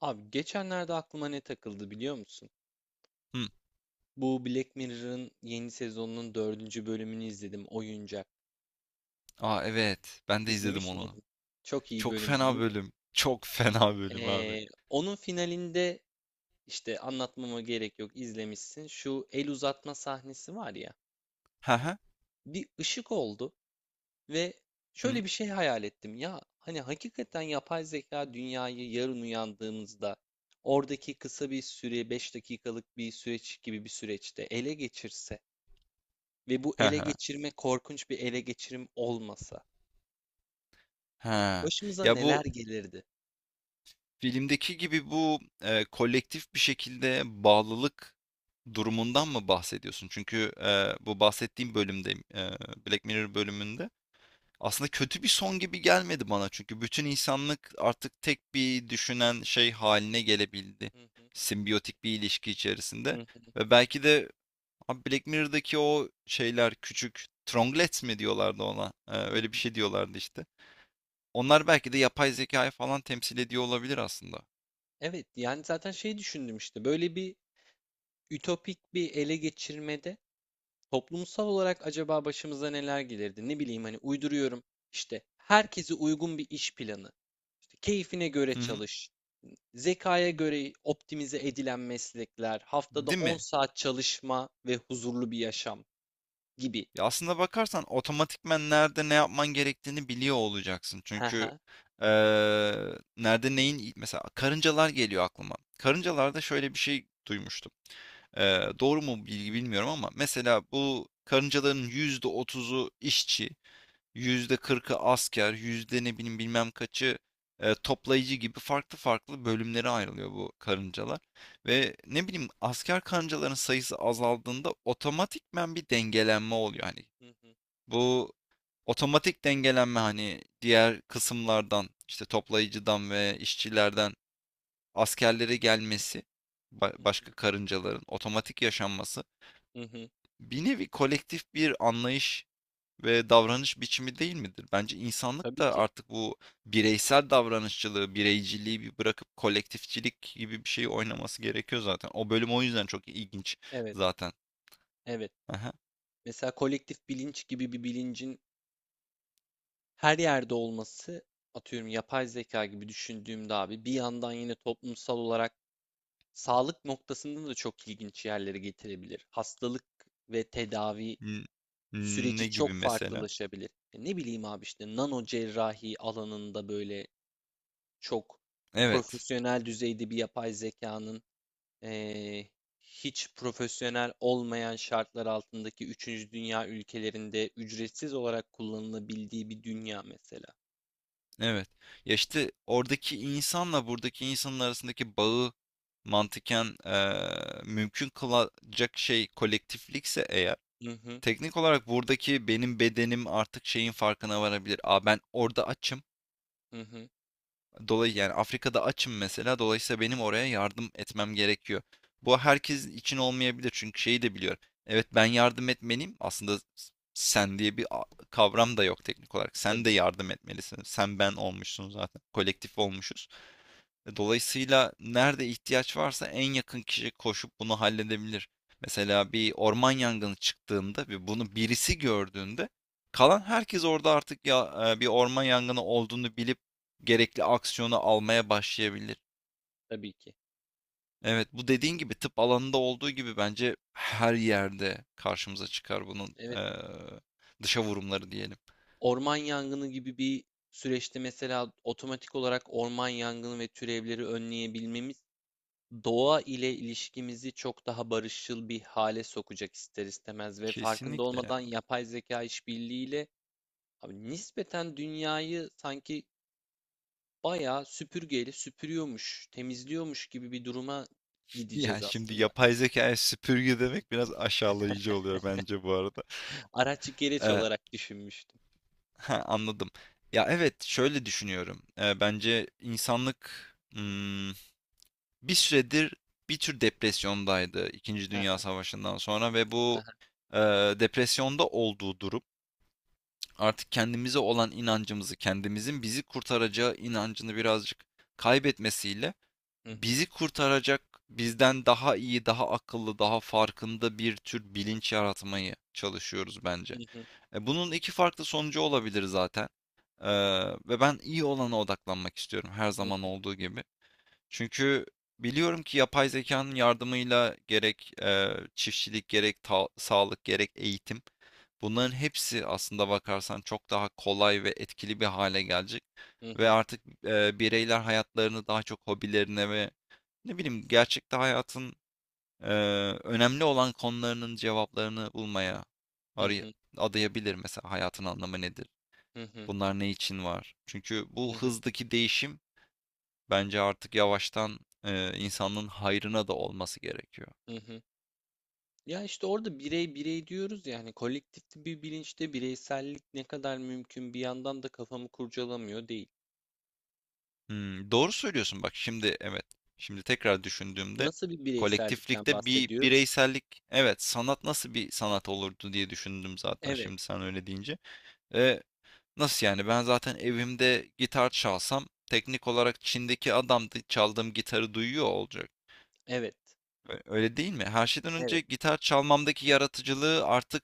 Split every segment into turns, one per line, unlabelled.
Abi geçenlerde aklıma ne takıldı biliyor musun?
Hı.
Bu Black Mirror'ın yeni sezonunun dördüncü bölümünü izledim. Oyuncak.
Aa, evet. Ben de izledim
İzlemiş
onu.
miydin? Çok iyi
Çok
bölümdü
fena
değil mi?
bölüm. Çok fena bölüm abi.
Onun finalinde işte anlatmama gerek yok izlemişsin. Şu el uzatma sahnesi var ya.
Ha ha.
Bir ışık oldu ve
Hı hı.
şöyle bir şey hayal ettim. Ya hani hakikaten yapay zeka dünyayı yarın uyandığımızda oradaki kısa bir süre 5 dakikalık bir süreç gibi bir süreçte ele geçirse ve bu
Ha
ele
ha.
geçirme korkunç bir ele geçirim olmasa
Ha.
başımıza
Ya
neler
bu
gelirdi?
filmdeki gibi bu kolektif bir şekilde bağlılık durumundan mı bahsediyorsun? Çünkü bu bahsettiğim bölümde Black Mirror bölümünde aslında kötü bir son gibi gelmedi bana. Çünkü bütün insanlık artık tek bir düşünen şey haline gelebildi.
Hı hı,
Simbiyotik bir ilişki
hı
içerisinde.
hı,
Ve belki de abi Black Mirror'daki o şeyler küçük tronglets mi diyorlardı ona?
hı
Öyle bir
hı.
şey diyorlardı işte. Onlar belki de yapay zekayı falan temsil ediyor olabilir aslında.
Evet, yani zaten şey düşündüm işte böyle bir ütopik bir ele geçirmede toplumsal olarak acaba başımıza neler gelirdi? Ne bileyim hani uyduruyorum işte herkese uygun bir iş planı, işte keyfine göre
Hı hı.
çalış, zekaya göre optimize edilen meslekler, haftada
Değil mi?
10 saat çalışma ve huzurlu bir yaşam gibi.
Ya aslında bakarsan otomatikmen nerede ne yapman gerektiğini biliyor olacaksın.
Hı
Çünkü
hı.
eee, nerede neyin mesela karıncalar geliyor aklıma. Karıncalarda şöyle bir şey duymuştum. Doğru mu bilgi bilmiyorum ama mesela bu karıncaların %30'u işçi, %40'ı asker, yüzde ne bileyim bilmem kaçı toplayıcı gibi farklı farklı bölümlere ayrılıyor bu karıncalar. Ve ne bileyim asker karıncaların sayısı azaldığında otomatikmen bir dengelenme oluyor. Hani
Hı hı,
bu otomatik dengelenme hani diğer kısımlardan işte toplayıcıdan ve işçilerden askerlere gelmesi
hı hı,
başka karıncaların otomatik yaşanması
hı hı.
bir nevi kolektif bir anlayış ve davranış biçimi değil midir? Bence insanlık
Tabii
da
ki.
artık bu bireysel davranışçılığı, bireyciliği bir bırakıp kolektifçilik gibi bir şeyi oynaması gerekiyor zaten. O bölüm o yüzden çok ilginç
Evet,
zaten.
evet.
Aha.
Mesela kolektif bilinç gibi bir bilincin her yerde olması, atıyorum yapay zeka gibi düşündüğümde abi bir yandan yine toplumsal olarak sağlık noktasında da çok ilginç yerlere getirebilir. Hastalık ve tedavi
N-
süreci
Ne gibi
çok
mesela?
farklılaşabilir. E ne bileyim abi işte nano cerrahi alanında böyle çok
Evet.
profesyonel düzeyde bir yapay zekanın eee, hiç profesyonel olmayan şartlar altındaki üçüncü dünya ülkelerinde ücretsiz olarak kullanılabildiği bir dünya mesela.
Evet. Ya işte oradaki insanla buradaki insanın arasındaki bağı mantıken mümkün kılacak şey kolektiflikse eğer
Hı hı,
teknik olarak buradaki benim bedenim artık şeyin farkına varabilir. Aa, ben orada açım.
hı hı.
Dolayı yani Afrika'da açım mesela. Dolayısıyla benim oraya yardım etmem gerekiyor. Bu herkes için olmayabilir çünkü şeyi de biliyorum. Evet, ben yardım etmeliyim. Aslında sen diye bir kavram da yok teknik olarak. Sen de
Tabii,
yardım etmelisin. Sen ben olmuşsun zaten. Kolektif olmuşuz. Dolayısıyla nerede ihtiyaç varsa en yakın kişi koşup bunu halledebilir. Mesela bir orman yangını çıktığında ve bunu birisi gördüğünde kalan herkes orada artık ya bir orman yangını olduğunu bilip gerekli aksiyonu almaya başlayabilir.
tabii ki.
Evet, bu dediğin gibi tıp alanında olduğu gibi bence her yerde karşımıza çıkar bunun
Evet,
dışa vurumları diyelim.
orman yangını gibi bir süreçte mesela otomatik olarak orman yangını ve türevleri önleyebilmemiz doğa ile ilişkimizi çok daha barışçıl bir hale sokacak ister istemez ve farkında
Kesinlikle ya.
olmadan yapay zeka işbirliğiyle abi nispeten dünyayı sanki bayağı süpürgeyle süpürüyormuş, temizliyormuş gibi bir duruma gideceğiz
Yani şimdi
aslında.
yapay zekaya süpürge demek biraz aşağılayıcı oluyor bence bu arada.
Araç gereç
E,
olarak düşünmüştüm.
Ha, anladım. Ya evet, şöyle düşünüyorum. Bence insanlık hmm, bir süredir bir tür depresyondaydı İkinci
Hı
Dünya Savaşı'ndan sonra ve bu e, depresyonda olduğu durum artık kendimize olan inancımızı, kendimizin bizi kurtaracağı inancını birazcık kaybetmesiyle
hı. Hı
bizi kurtaracak, bizden daha iyi, daha akıllı, daha farkında bir tür bilinç yaratmayı çalışıyoruz bence.
hı. Hı
Bunun iki farklı sonucu olabilir zaten. Ee, Ve ben iyi olana odaklanmak istiyorum her zaman olduğu gibi. Çünkü biliyorum ki yapay zekanın yardımıyla gerek çiftçilik, gerek sağlık, gerek eğitim bunların hepsi aslında bakarsan çok daha kolay ve etkili bir hale gelecek.
hı.
Ve
Hı
artık bireyler hayatlarını daha çok hobilerine ve ne bileyim gerçekte hayatın e, önemli olan konularının cevaplarını bulmaya
hı. Hı hı.
aray-
Hı
adayabilir, mesela hayatın anlamı nedir?
hı. Hı
Bunlar ne için var? Çünkü bu
hı.
hızdaki değişim bence artık yavaştan insanlığın hayrına da olması gerekiyor.
Hı hı. Ya işte orada birey birey diyoruz yani kolektif bir bilinçte bireysellik ne kadar mümkün bir yandan da kafamı kurcalamıyor değil.
Hmm, doğru söylüyorsun, bak şimdi evet. Şimdi tekrar düşündüğümde
Nasıl bir bireysellikten
kolektiflikte bir
bahsediyoruz?
bireysellik, evet sanat nasıl bir sanat olurdu diye düşündüm zaten
Evet,
şimdi sen öyle deyince. E, Nasıl yani, ben zaten evimde gitar çalsam teknik olarak Çin'deki adam da çaldığım gitarı duyuyor olacak.
evet,
Öyle değil mi? Her şeyden önce
evet.
gitar çalmamdaki yaratıcılığı artık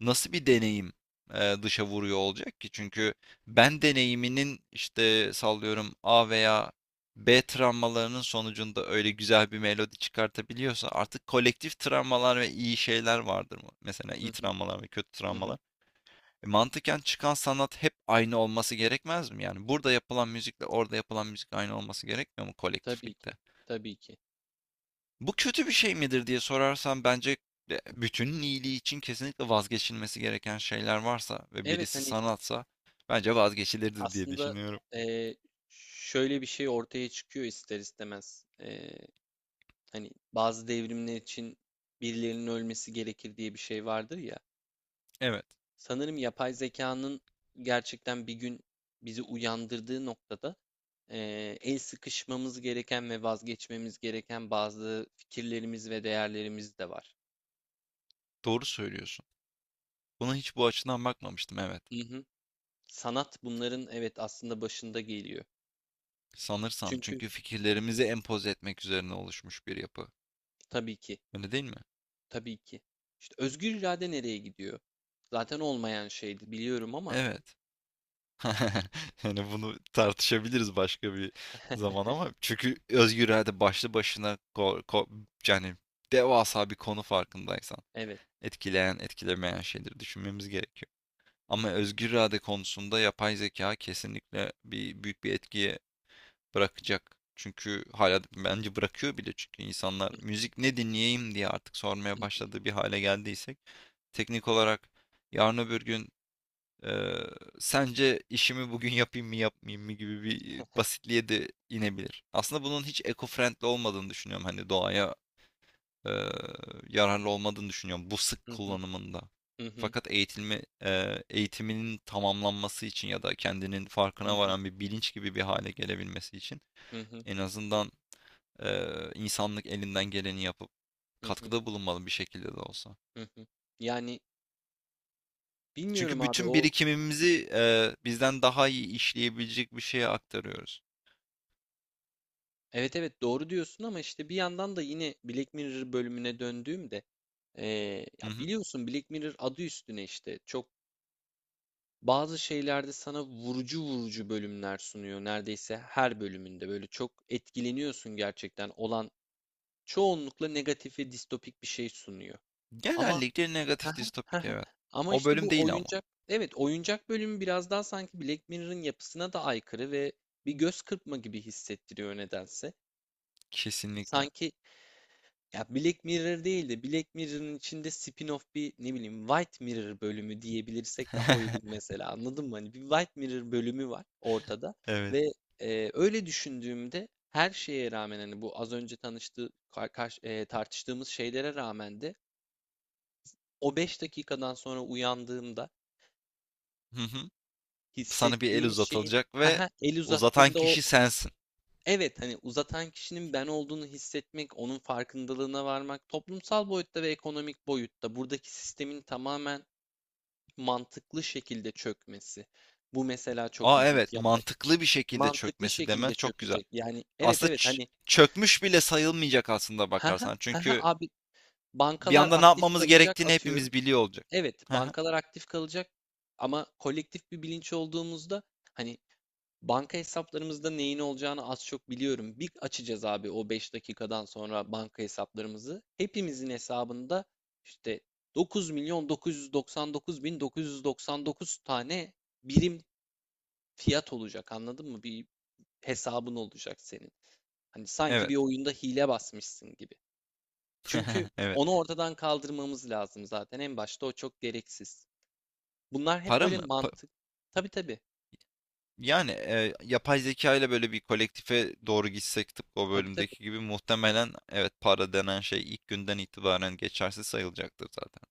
nasıl bir deneyim dışa vuruyor olacak ki? Çünkü ben deneyiminin işte sallıyorum A veya B travmalarının sonucunda öyle güzel bir melodi çıkartabiliyorsa artık kolektif travmalar ve iyi şeyler vardır mı? Mesela
Hı
iyi
hı.
travmalar ve kötü
Hı hı.
travmalar. Mantıken çıkan sanat hep aynı olması gerekmez mi? Yani burada yapılan müzikle orada yapılan müzik aynı olması gerekmiyor mu
Tabii
kolektiflikte?
ki, tabii ki.
Bu kötü bir şey midir diye sorarsan, bence bütünün iyiliği için kesinlikle vazgeçilmesi gereken şeyler varsa ve
Evet
birisi
hani
sanatsa bence vazgeçilirdi diye
aslında
düşünüyorum.
eee, şöyle bir şey ortaya çıkıyor ister istemez. Hani bazı devrimler için birilerinin ölmesi gerekir diye bir şey vardır ya.
Evet,
Sanırım yapay zekanın gerçekten bir gün bizi uyandırdığı noktada el sıkışmamız gereken ve vazgeçmemiz gereken bazı fikirlerimiz ve değerlerimiz de var.
doğru söylüyorsun. Buna hiç bu açıdan bakmamıştım, evet.
Hı hı. Sanat bunların evet aslında başında geliyor.
Sanırsam
Çünkü
çünkü fikirlerimizi empoze etmek üzerine oluşmuş bir yapı.
tabii ki.
Öyle değil mi?
Tabii ki. İşte özgür irade nereye gidiyor? Zaten olmayan şeydi biliyorum ama
Evet. Yani bunu tartışabiliriz başka bir zaman, ama çünkü özgür irade başlı başına yani devasa bir konu farkındaysan.
evet.
Etkileyen, etkilemeyen şeyleri düşünmemiz gerekiyor. Ama özgür irade konusunda yapay zeka kesinlikle büyük bir etkiye bırakacak. Çünkü hala bence bırakıyor bile, çünkü insanlar müzik ne dinleyeyim diye artık sormaya başladığı bir hale geldiysek teknik olarak yarın öbür gün eee, sence işimi bugün yapayım mı yapmayayım mı gibi bir basitliğe de inebilir. Aslında bunun hiç eco-friendly olmadığını düşünüyorum, hani doğaya eee, yararlı olmadığını düşünüyorum bu sık
Hı hı,
kullanımında.
hı hı,
Fakat eğitilme, eğitiminin tamamlanması için ya da kendinin
hı
farkına
hı,
varan bir bilinç gibi bir hale gelebilmesi için
hı hı,
en azından insanlık elinden geleni yapıp
hı hı,
katkıda bulunmalı bir şekilde de olsa.
hı hı. Yani bilmiyorum
Çünkü
abi
bütün
o
birikimimizi bizden daha iyi işleyebilecek bir şeye aktarıyoruz.
evet evet doğru diyorsun ama işte bir yandan da yine Black Mirror bölümüne döndüğümde
Hı
ya
hı.
biliyorsun Black Mirror adı üstüne işte çok bazı şeylerde sana vurucu vurucu bölümler sunuyor neredeyse her bölümünde böyle çok etkileniyorsun gerçekten olan çoğunlukla negatif ve distopik bir şey sunuyor. Ama
Genellikle negatif distopik, evet.
ama
O
işte
bölüm
bu
değil ama.
oyuncak evet oyuncak bölümü biraz daha sanki Black Mirror'ın yapısına da aykırı ve bir göz kırpma gibi hissettiriyor nedense.
Kesinlikle.
Sanki ya Black Mirror değil de Black Mirror'ın içinde spin-off bir ne bileyim White Mirror bölümü diyebilirsek daha uygun mesela anladın mı? Hani bir White Mirror bölümü var ortada
Evet.
ve öyle düşündüğümde her şeye rağmen hani bu az önce tanıştığı tartıştığımız şeylere rağmen de o 5 dakikadan sonra uyandığımda
Hı hı. Sana bir el
hissettiğim şeyin
uzatılacak ve
haha, el
uzatan
uzattığında o
kişi sensin.
evet hani uzatan kişinin ben olduğunu hissetmek, onun farkındalığına varmak, toplumsal boyutta ve ekonomik boyutta buradaki sistemin tamamen mantıklı şekilde çökmesi. Bu mesela çok
Aa, evet,
ilginç. Yapay
mantıklı bir şekilde
mantıklı
çökmesi demen
şekilde
çok güzel.
çökecek. Yani evet
Aslında
evet hani
çökmüş bile sayılmayacak aslında
ha ha
bakarsan.
ha ha
Çünkü
abi
bir
bankalar
anda ne
aktif
yapmamız
kalacak
gerektiğini hepimiz
atıyorum.
biliyor olacak.
Evet
Hı hı.
bankalar aktif kalacak ama kolektif bir bilinç olduğumuzda hani banka hesaplarımızda neyin olacağını az çok biliyorum. Bir açacağız abi o 5 dakikadan sonra banka hesaplarımızı. Hepimizin hesabında işte 9 milyon 999 bin 999 tane birim fiyat olacak anladın mı? Bir hesabın olacak senin. Hani sanki
Evet.
bir oyunda hile basmışsın gibi. Çünkü onu
Evet.
ortadan kaldırmamız lazım zaten. En başta o çok gereksiz. Bunlar hep
Para
böyle
mı?
mantık. Tabii tabii.
Yani yapay zeka ile böyle bir kolektife doğru gitsek tıpkı o
Tabii tabii.
bölümdeki gibi, muhtemelen evet, para denen şey ilk günden itibaren geçersiz sayılacaktır zaten.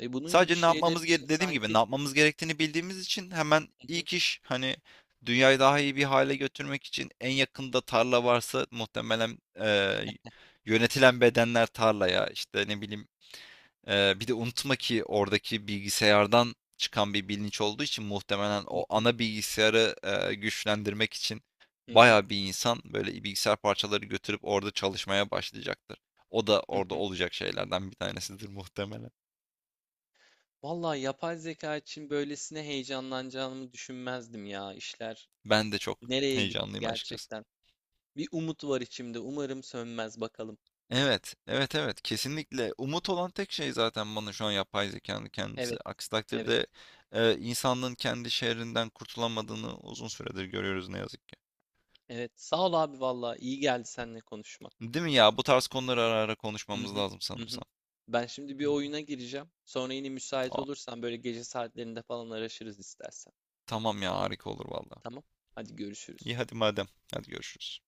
E bunun gibi
Sadece
şeyler için
dediğim gibi
sanki...
ne yapmamız gerektiğini bildiğimiz için hemen
Hı hı.
ilk iş, hani dünyayı daha iyi bir hale götürmek için en yakında tarla varsa muhtemelen yönetilen bedenler tarlaya işte ne bileyim, bir de unutma ki oradaki bilgisayardan çıkan bir bilinç olduğu için muhtemelen
Hı
o
hı.
ana bilgisayarı güçlendirmek için
Hı hı,
bayağı bir insan böyle bilgisayar parçaları götürüp orada çalışmaya başlayacaktır. O da
hı
orada
hı.
olacak şeylerden bir tanesidir muhtemelen.
Vallahi yapay zeka için böylesine heyecanlanacağımı düşünmezdim ya. İşler
Ben de çok
nereye gitti
heyecanlıyım açıkçası.
gerçekten? Bir umut var içimde. Umarım sönmez bakalım.
Evet, evet, evet. Kesinlikle. Umut olan tek şey zaten bana şu an yapay zekanın
Evet,
kendisi. Aksi
evet,
takdirde insanlığın kendi şehrinden kurtulamadığını uzun süredir görüyoruz ne yazık ki.
evet. Sağ ol abi vallahi iyi geldi seninle konuşmak.
Değil mi ya? Bu tarz konuları ara ara
Hı
konuşmamız
hı,
lazım
hı hı.
sanırsam.
Ben şimdi bir
Hı.
oyuna gireceğim. Sonra yine müsait
Aa,
olursan böyle gece saatlerinde falan araşırız istersen.
tamam ya, harika olur valla.
Tamam. Hadi
İyi
görüşürüz.
hadi madem. Hadi görüşürüz.